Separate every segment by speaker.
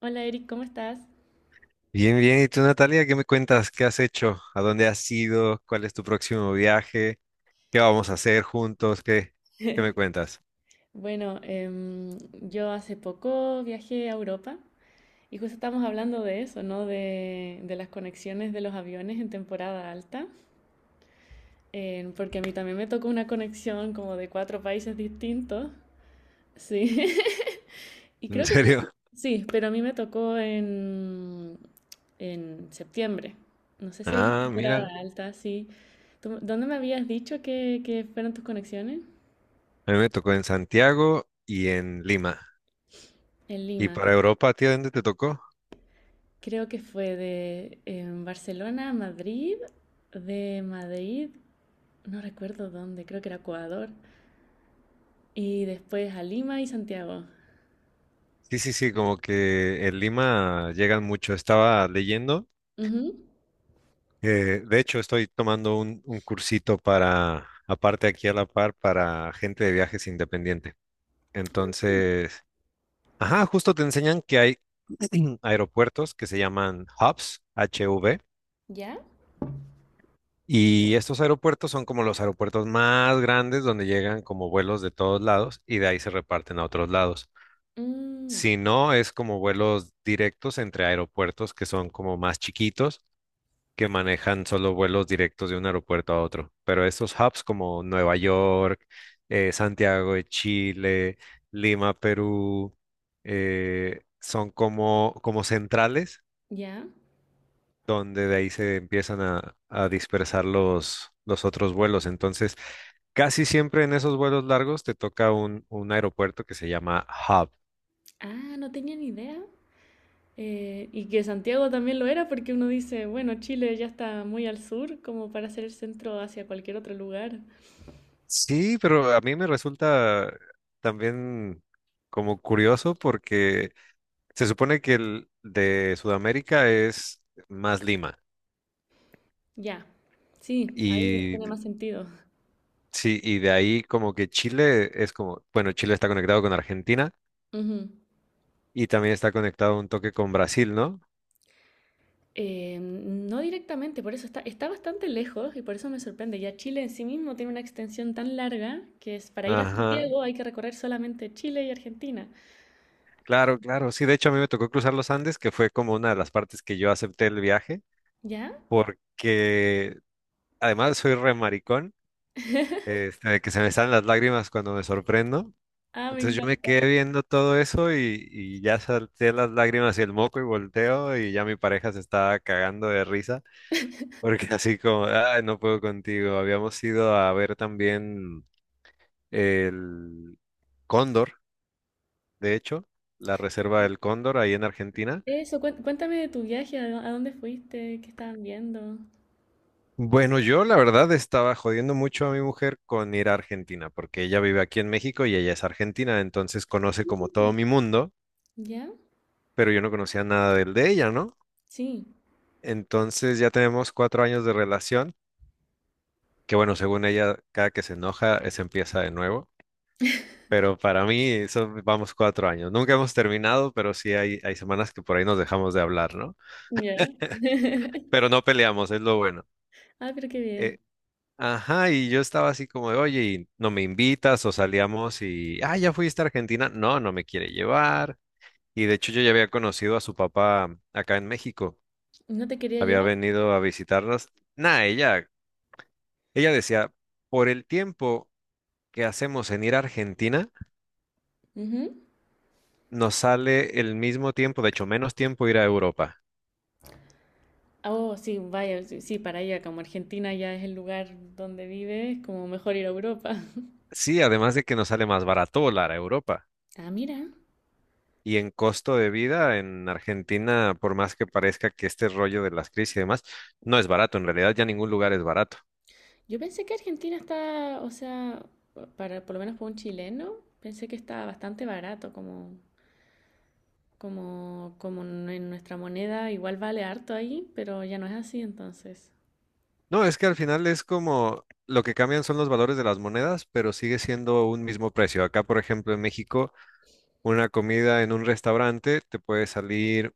Speaker 1: Hola Eric, ¿cómo estás?
Speaker 2: Bien, bien. ¿Y tú, Natalia, qué me cuentas? ¿Qué has hecho? ¿A dónde has ido? ¿Cuál es tu próximo viaje? ¿Qué vamos a hacer juntos? ¿Qué me cuentas?
Speaker 1: Bueno, yo hace poco viajé a Europa y justo estamos hablando de eso, ¿no? De las conexiones de los aviones en temporada alta, porque a mí también me tocó una conexión como de cuatro países distintos, sí. Y
Speaker 2: ¿En
Speaker 1: creo que
Speaker 2: serio?
Speaker 1: sí, pero a mí me tocó en septiembre. No sé si hay
Speaker 2: Ah,
Speaker 1: temporada
Speaker 2: mira.
Speaker 1: alta, sí. ¿Dónde me habías dicho que fueron tus conexiones?
Speaker 2: A mí me tocó en Santiago y en Lima.
Speaker 1: En
Speaker 2: ¿Y
Speaker 1: Lima,
Speaker 2: para
Speaker 1: sí.
Speaker 2: Europa, a ti, a dónde te tocó?
Speaker 1: Creo que fue de Barcelona a Madrid, de Madrid, no recuerdo dónde, creo que era Ecuador, y después a Lima y Santiago.
Speaker 2: Sí, sí, sí, como que en Lima llegan mucho. Estaba leyendo.
Speaker 1: Ujú.
Speaker 2: De hecho, estoy tomando un cursito para, aparte aquí a la par, para gente de viajes independiente. Entonces. Ajá, justo te enseñan que hay aeropuertos que se llaman hubs, HV,
Speaker 1: ¿Ya?
Speaker 2: y estos aeropuertos son como los aeropuertos más grandes donde llegan como vuelos de todos lados y de ahí se reparten a otros lados.
Speaker 1: Mm.
Speaker 2: Si no, es como vuelos directos entre aeropuertos que son como más chiquitos, que manejan solo vuelos directos de un aeropuerto a otro. Pero estos hubs como Nueva York, Santiago de Chile, Lima, Perú, son como centrales
Speaker 1: ¿Ya?
Speaker 2: donde de ahí se empiezan a dispersar los otros vuelos. Entonces, casi siempre en esos vuelos largos te toca un aeropuerto que se llama hub.
Speaker 1: Ah, no tenía ni idea. Y que Santiago también lo era porque uno dice, bueno, Chile ya está muy al sur como para hacer el centro hacia cualquier otro lugar.
Speaker 2: Sí, pero a mí me resulta también como curioso porque se supone que el de Sudamérica es más Lima.
Speaker 1: Ya, sí, ahí
Speaker 2: Y
Speaker 1: tiene más sentido.
Speaker 2: sí, y de ahí como que Chile es como, bueno, Chile está conectado con Argentina
Speaker 1: Ujú.
Speaker 2: y también está conectado un toque con Brasil, ¿no?
Speaker 1: No directamente, por eso está bastante lejos y por eso me sorprende. Ya Chile en sí mismo tiene una extensión tan larga que es para ir a
Speaker 2: Ajá.
Speaker 1: Santiago hay que recorrer solamente Chile y Argentina.
Speaker 2: Claro, claro. Sí, de hecho a mí me tocó cruzar los Andes, que fue como una de las partes que yo acepté el viaje,
Speaker 1: ¿Ya?
Speaker 2: porque además soy re maricón, este, que se me salen las lágrimas cuando me sorprendo.
Speaker 1: Ah, me
Speaker 2: Entonces yo me
Speaker 1: encanta.
Speaker 2: quedé viendo todo eso y ya salté las lágrimas y el moco y volteo y ya mi pareja se estaba cagando de risa, porque así como, ay, no puedo contigo. Habíamos ido a ver también el Cóndor, de hecho, la reserva del Cóndor ahí en Argentina.
Speaker 1: Eso, cuéntame de tu viaje, a, a dónde fuiste, qué estaban viendo.
Speaker 2: Bueno, yo la verdad estaba jodiendo mucho a mi mujer con ir a Argentina, porque ella vive aquí en México y ella es argentina, entonces conoce como todo
Speaker 1: Mm.
Speaker 2: mi mundo,
Speaker 1: ¿Ya?
Speaker 2: pero yo no conocía nada del de ella, ¿no?
Speaker 1: Sí.
Speaker 2: Entonces ya tenemos 4 años de relación, que bueno, según ella, cada que se enoja, se empieza de nuevo, pero para mí eso vamos 4 años. Nunca hemos terminado, pero sí hay semanas que por ahí nos dejamos de hablar, ¿no?
Speaker 1: ¿Ya?
Speaker 2: Pero no peleamos, es lo bueno.
Speaker 1: Ah, pero qué
Speaker 2: Eh,
Speaker 1: bien.
Speaker 2: Ajá, y yo estaba así como de, oye, ¿y no me invitas o salíamos y, ah, ya fuiste a Argentina. No, no me quiere llevar. Y de hecho yo ya había conocido a su papá acá en México.
Speaker 1: ¿No te quería
Speaker 2: Había
Speaker 1: llevar?
Speaker 2: venido a visitarnos. Nah, ella decía, por el tiempo que hacemos en ir a Argentina,
Speaker 1: Ujú.
Speaker 2: nos sale el mismo tiempo, de hecho menos tiempo ir a Europa.
Speaker 1: Oh, sí, vaya, sí, sí, para allá, como Argentina ya es el lugar donde vives, como mejor ir a Europa.
Speaker 2: Sí, además de que nos sale más barato volar a Europa.
Speaker 1: Ah, mira.
Speaker 2: Y en costo de vida en Argentina, por más que parezca que este rollo de las crisis y demás, no es barato. En realidad ya ningún lugar es barato.
Speaker 1: Yo pensé que Argentina está, o sea, para, por lo menos para un chileno, pensé que estaba bastante barato, como, como en nuestra moneda igual vale harto ahí, pero ya no es así entonces.
Speaker 2: No, es que al final es como lo que cambian son los valores de las monedas, pero sigue siendo un mismo precio. Acá, por ejemplo, en México, una comida en un restaurante te puede salir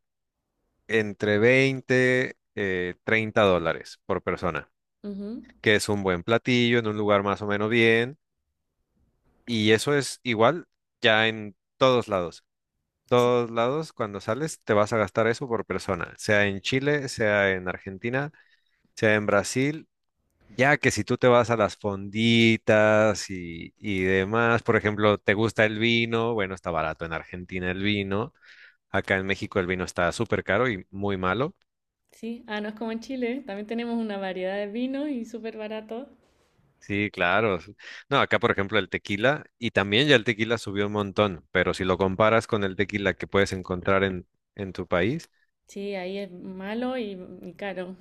Speaker 2: entre 20, $30 por persona,
Speaker 1: Ujú.
Speaker 2: que es un buen platillo en un lugar más o menos bien. Y eso es igual ya en todos lados.
Speaker 1: Sí,
Speaker 2: Cuando sales, te vas a gastar eso por persona, sea en Chile, sea en Argentina, sea en Brasil, ya que si tú te vas a las fonditas y demás, por ejemplo, te gusta el vino, bueno, está barato en Argentina el vino, acá en México el vino está súper caro y muy malo.
Speaker 1: sí. Ah, no es como en Chile, también tenemos una variedad de vinos y súper barato.
Speaker 2: Sí, claro. No, acá por ejemplo el tequila, y también ya el tequila subió un montón, pero si lo comparas con el tequila que puedes encontrar en tu país,
Speaker 1: Sí, ahí es malo y caro.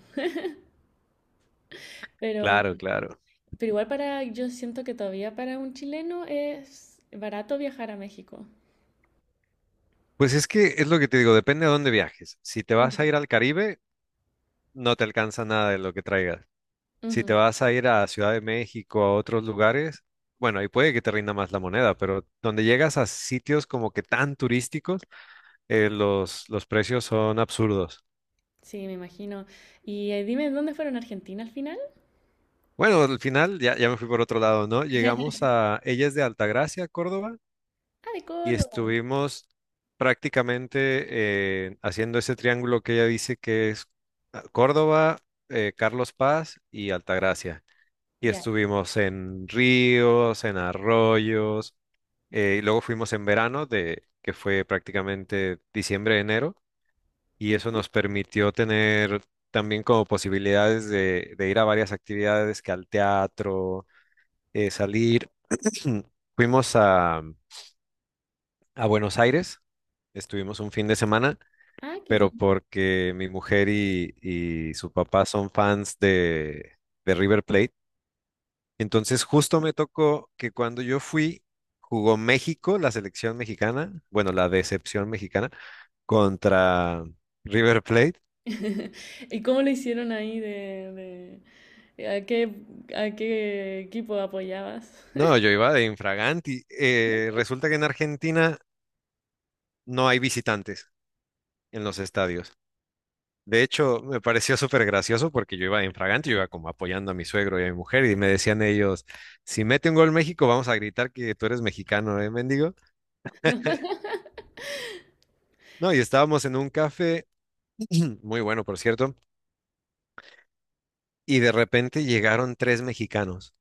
Speaker 1: Pero,
Speaker 2: claro, claro.
Speaker 1: pero igual para, yo siento que todavía para un chileno es barato viajar a México.
Speaker 2: Pues es que es lo que te digo, depende a dónde viajes. Si te vas a
Speaker 1: Ujú.
Speaker 2: ir al Caribe, no te alcanza nada de lo que traigas. Si te
Speaker 1: Ujú.
Speaker 2: vas a ir a Ciudad de México, a otros lugares, bueno, ahí puede que te rinda más la moneda, pero donde llegas a sitios como que tan turísticos, los precios son absurdos.
Speaker 1: Sí, me imagino. Y dime, ¿dónde fueron a Argentina al final?
Speaker 2: Bueno, al final ya me fui por otro lado, ¿no? Llegamos a, ella es de Altagracia, Córdoba,
Speaker 1: Ah, de
Speaker 2: y
Speaker 1: Córdoba.
Speaker 2: estuvimos prácticamente haciendo ese triángulo que ella dice que es Córdoba, Carlos Paz y Altagracia. Y
Speaker 1: Ya.
Speaker 2: estuvimos en ríos, en arroyos, y luego fuimos en verano, que fue prácticamente diciembre, enero, y eso
Speaker 1: Ujú.
Speaker 2: nos permitió tener también como posibilidades de ir a varias actividades, que al teatro, salir. Fuimos a Buenos Aires. Estuvimos un fin de semana,
Speaker 1: Ah, qué bien.
Speaker 2: pero porque mi mujer y su papá son fans de River Plate. Entonces justo me tocó que cuando yo fui, jugó México, la selección mexicana, bueno, la decepción mexicana, contra River Plate.
Speaker 1: ¿Y cómo lo hicieron ahí de, a qué a qué equipo apoyabas?
Speaker 2: No, yo iba de infraganti. Resulta que en Argentina no hay visitantes en los estadios. De hecho, me pareció súper gracioso porque yo iba en fragante, yo iba como apoyando a mi suegro y a mi mujer y me decían ellos, si mete un gol México, vamos a gritar que tú eres mexicano, ¿eh, mendigo? No, y estábamos en un café, muy bueno, por cierto, y de repente llegaron tres mexicanos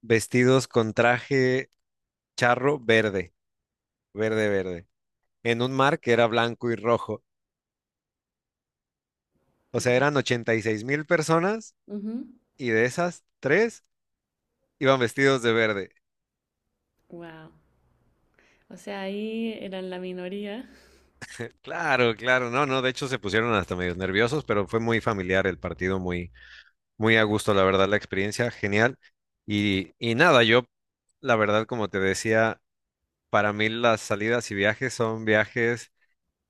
Speaker 2: vestidos con traje charro verde, verde, verde, en un mar que era blanco y rojo. O sea,
Speaker 1: Ya.
Speaker 2: eran 86 mil personas y de esas, tres iban vestidos de verde.
Speaker 1: Wow. O sea, ahí eran la minoría.
Speaker 2: Claro, claro, no, no, de hecho se pusieron hasta medio nerviosos, pero fue muy familiar el partido, muy, muy a gusto, la verdad, la experiencia, genial. Y nada, yo, la verdad, como te decía, para mí las salidas y viajes son viajes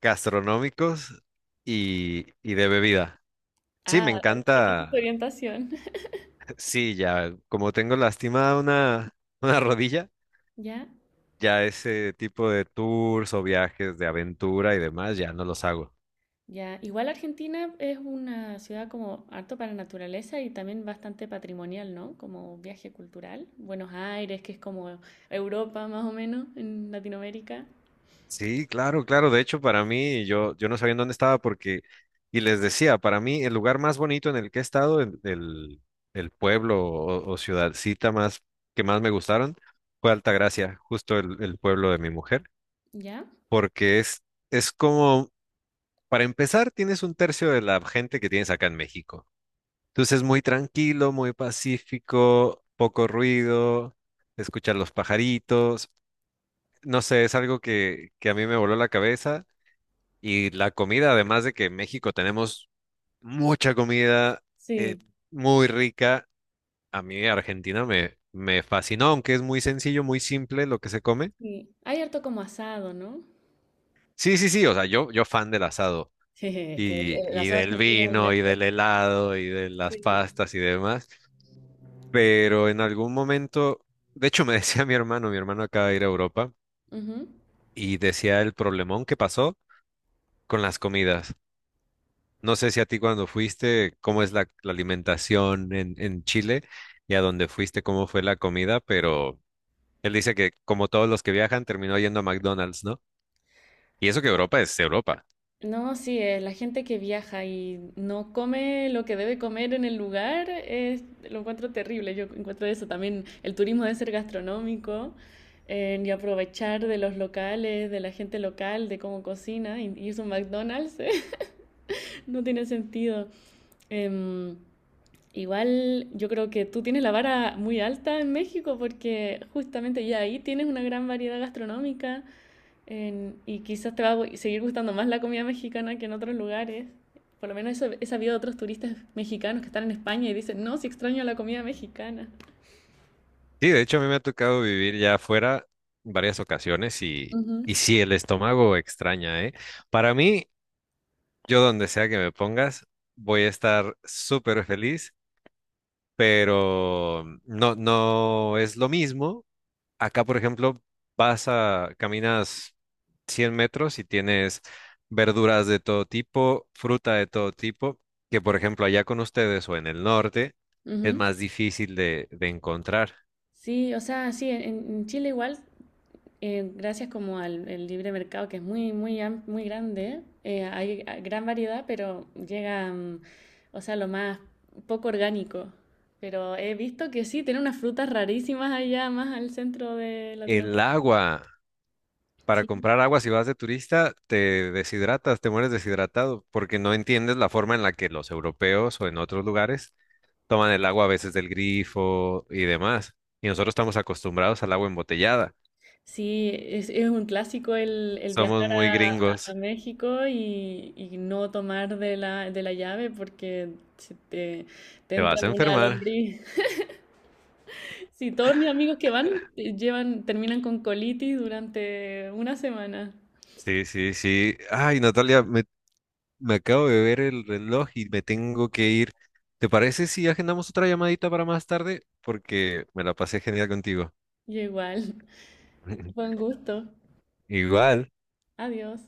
Speaker 2: gastronómicos y de bebida. Sí, me
Speaker 1: Ah, esa es tu
Speaker 2: encanta,
Speaker 1: orientación.
Speaker 2: sí, ya, como tengo lastimada una, una rodilla,
Speaker 1: ¿Ya?
Speaker 2: ya ese tipo de tours o viajes de aventura y demás, ya no los hago.
Speaker 1: Ya, igual Argentina es una ciudad como harto para naturaleza y también bastante patrimonial, ¿no? Como viaje cultural. Buenos Aires, que es como Europa más o menos, en Latinoamérica.
Speaker 2: Sí, claro, claro. De hecho, para mí, yo no sabía en dónde estaba porque, y les decía, para mí el lugar más bonito en el que he estado, el pueblo o ciudadcita más que más me gustaron, fue Altagracia, justo el pueblo de mi mujer,
Speaker 1: ¿Ya?
Speaker 2: porque es como, para empezar, tienes un tercio de la gente que tienes acá en México. Entonces, muy tranquilo, muy pacífico, poco ruido, escuchar los pajaritos. No sé, es algo que a mí me voló la cabeza. Y la comida, además de que en México tenemos mucha comida eh,
Speaker 1: Sí,
Speaker 2: muy rica, a mí Argentina me fascinó, aunque es muy sencillo, muy simple lo que se come.
Speaker 1: sí. Hay harto como asado, ¿no?
Speaker 2: Sí, sí, sí, o sea, yo fan del asado
Speaker 1: Es que el,
Speaker 2: y,
Speaker 1: el
Speaker 2: y
Speaker 1: asado
Speaker 2: del
Speaker 1: argentino es el
Speaker 2: vino y
Speaker 1: mejor.
Speaker 2: del helado y de las
Speaker 1: Sí.
Speaker 2: pastas y demás, pero en algún momento, de hecho me decía mi hermano acaba de ir a Europa
Speaker 1: Ujú.
Speaker 2: y decía el problemón que pasó con las comidas. No sé si a ti cuando fuiste, cómo es la alimentación en Chile y a dónde fuiste, cómo fue la comida, pero él dice que como todos los que viajan, terminó yendo a McDonald's, ¿no? Y eso que Europa es Europa.
Speaker 1: No, sí, la gente que viaja y no come lo que debe comer en el lugar, lo encuentro terrible. Yo encuentro eso también. El turismo debe ser gastronómico y aprovechar de los locales, de la gente local, de cómo cocina. Y es un McDonald's, no tiene sentido. Em, igual yo creo que tú tienes la vara muy alta en México porque justamente ya ahí tienes una gran variedad gastronómica. Y quizás te va a seguir gustando más la comida mexicana que en otros lugares. Por lo menos eso he sabido de otros turistas mexicanos que están en España y dicen, no, si extraño la comida mexicana.
Speaker 2: Sí, de hecho a mí me ha tocado vivir ya afuera varias ocasiones y,
Speaker 1: Ujú,
Speaker 2: y sí, el estómago extraña, ¿eh? Para mí, yo donde sea que me pongas, voy a estar súper feliz, pero no, no es lo mismo. Acá, por ejemplo, caminas 100 metros y tienes verduras de todo tipo, fruta de todo tipo, que por ejemplo allá con ustedes o en el norte es
Speaker 1: ujú.
Speaker 2: más difícil de encontrar.
Speaker 1: Sí, o sea, sí, en Chile igual, gracias como al el libre mercado, que es muy, muy grande, hay ah, gran variedad, pero llega, mm, o sea, lo más poco orgánico. Pero he visto que sí, tienen unas frutas rarísimas allá, más al centro de
Speaker 2: El
Speaker 1: Latinoamérica.
Speaker 2: agua, para
Speaker 1: Sí.
Speaker 2: comprar agua si vas de turista, te deshidratas, te mueres deshidratado, porque no entiendes la forma en la que los europeos o en otros lugares toman el agua a veces del grifo y demás. Y nosotros estamos acostumbrados al agua embotellada.
Speaker 1: Sí, es un clásico el
Speaker 2: Somos
Speaker 1: viajar
Speaker 2: muy
Speaker 1: a,
Speaker 2: gringos.
Speaker 1: a México y no tomar de la llave porque se te, te
Speaker 2: Te
Speaker 1: entra
Speaker 2: vas a
Speaker 1: una
Speaker 2: enfermar.
Speaker 1: lombriz. Sí, todos mis amigos que van llevan, terminan con colitis durante una semana.
Speaker 2: Sí, sí, sí. Ay, Natalia, me acabo de ver el reloj y me tengo que ir. ¿Te parece si agendamos otra llamadita para más tarde? Porque me la pasé genial contigo.
Speaker 1: Y igual, buen gusto.
Speaker 2: Igual.
Speaker 1: Adiós.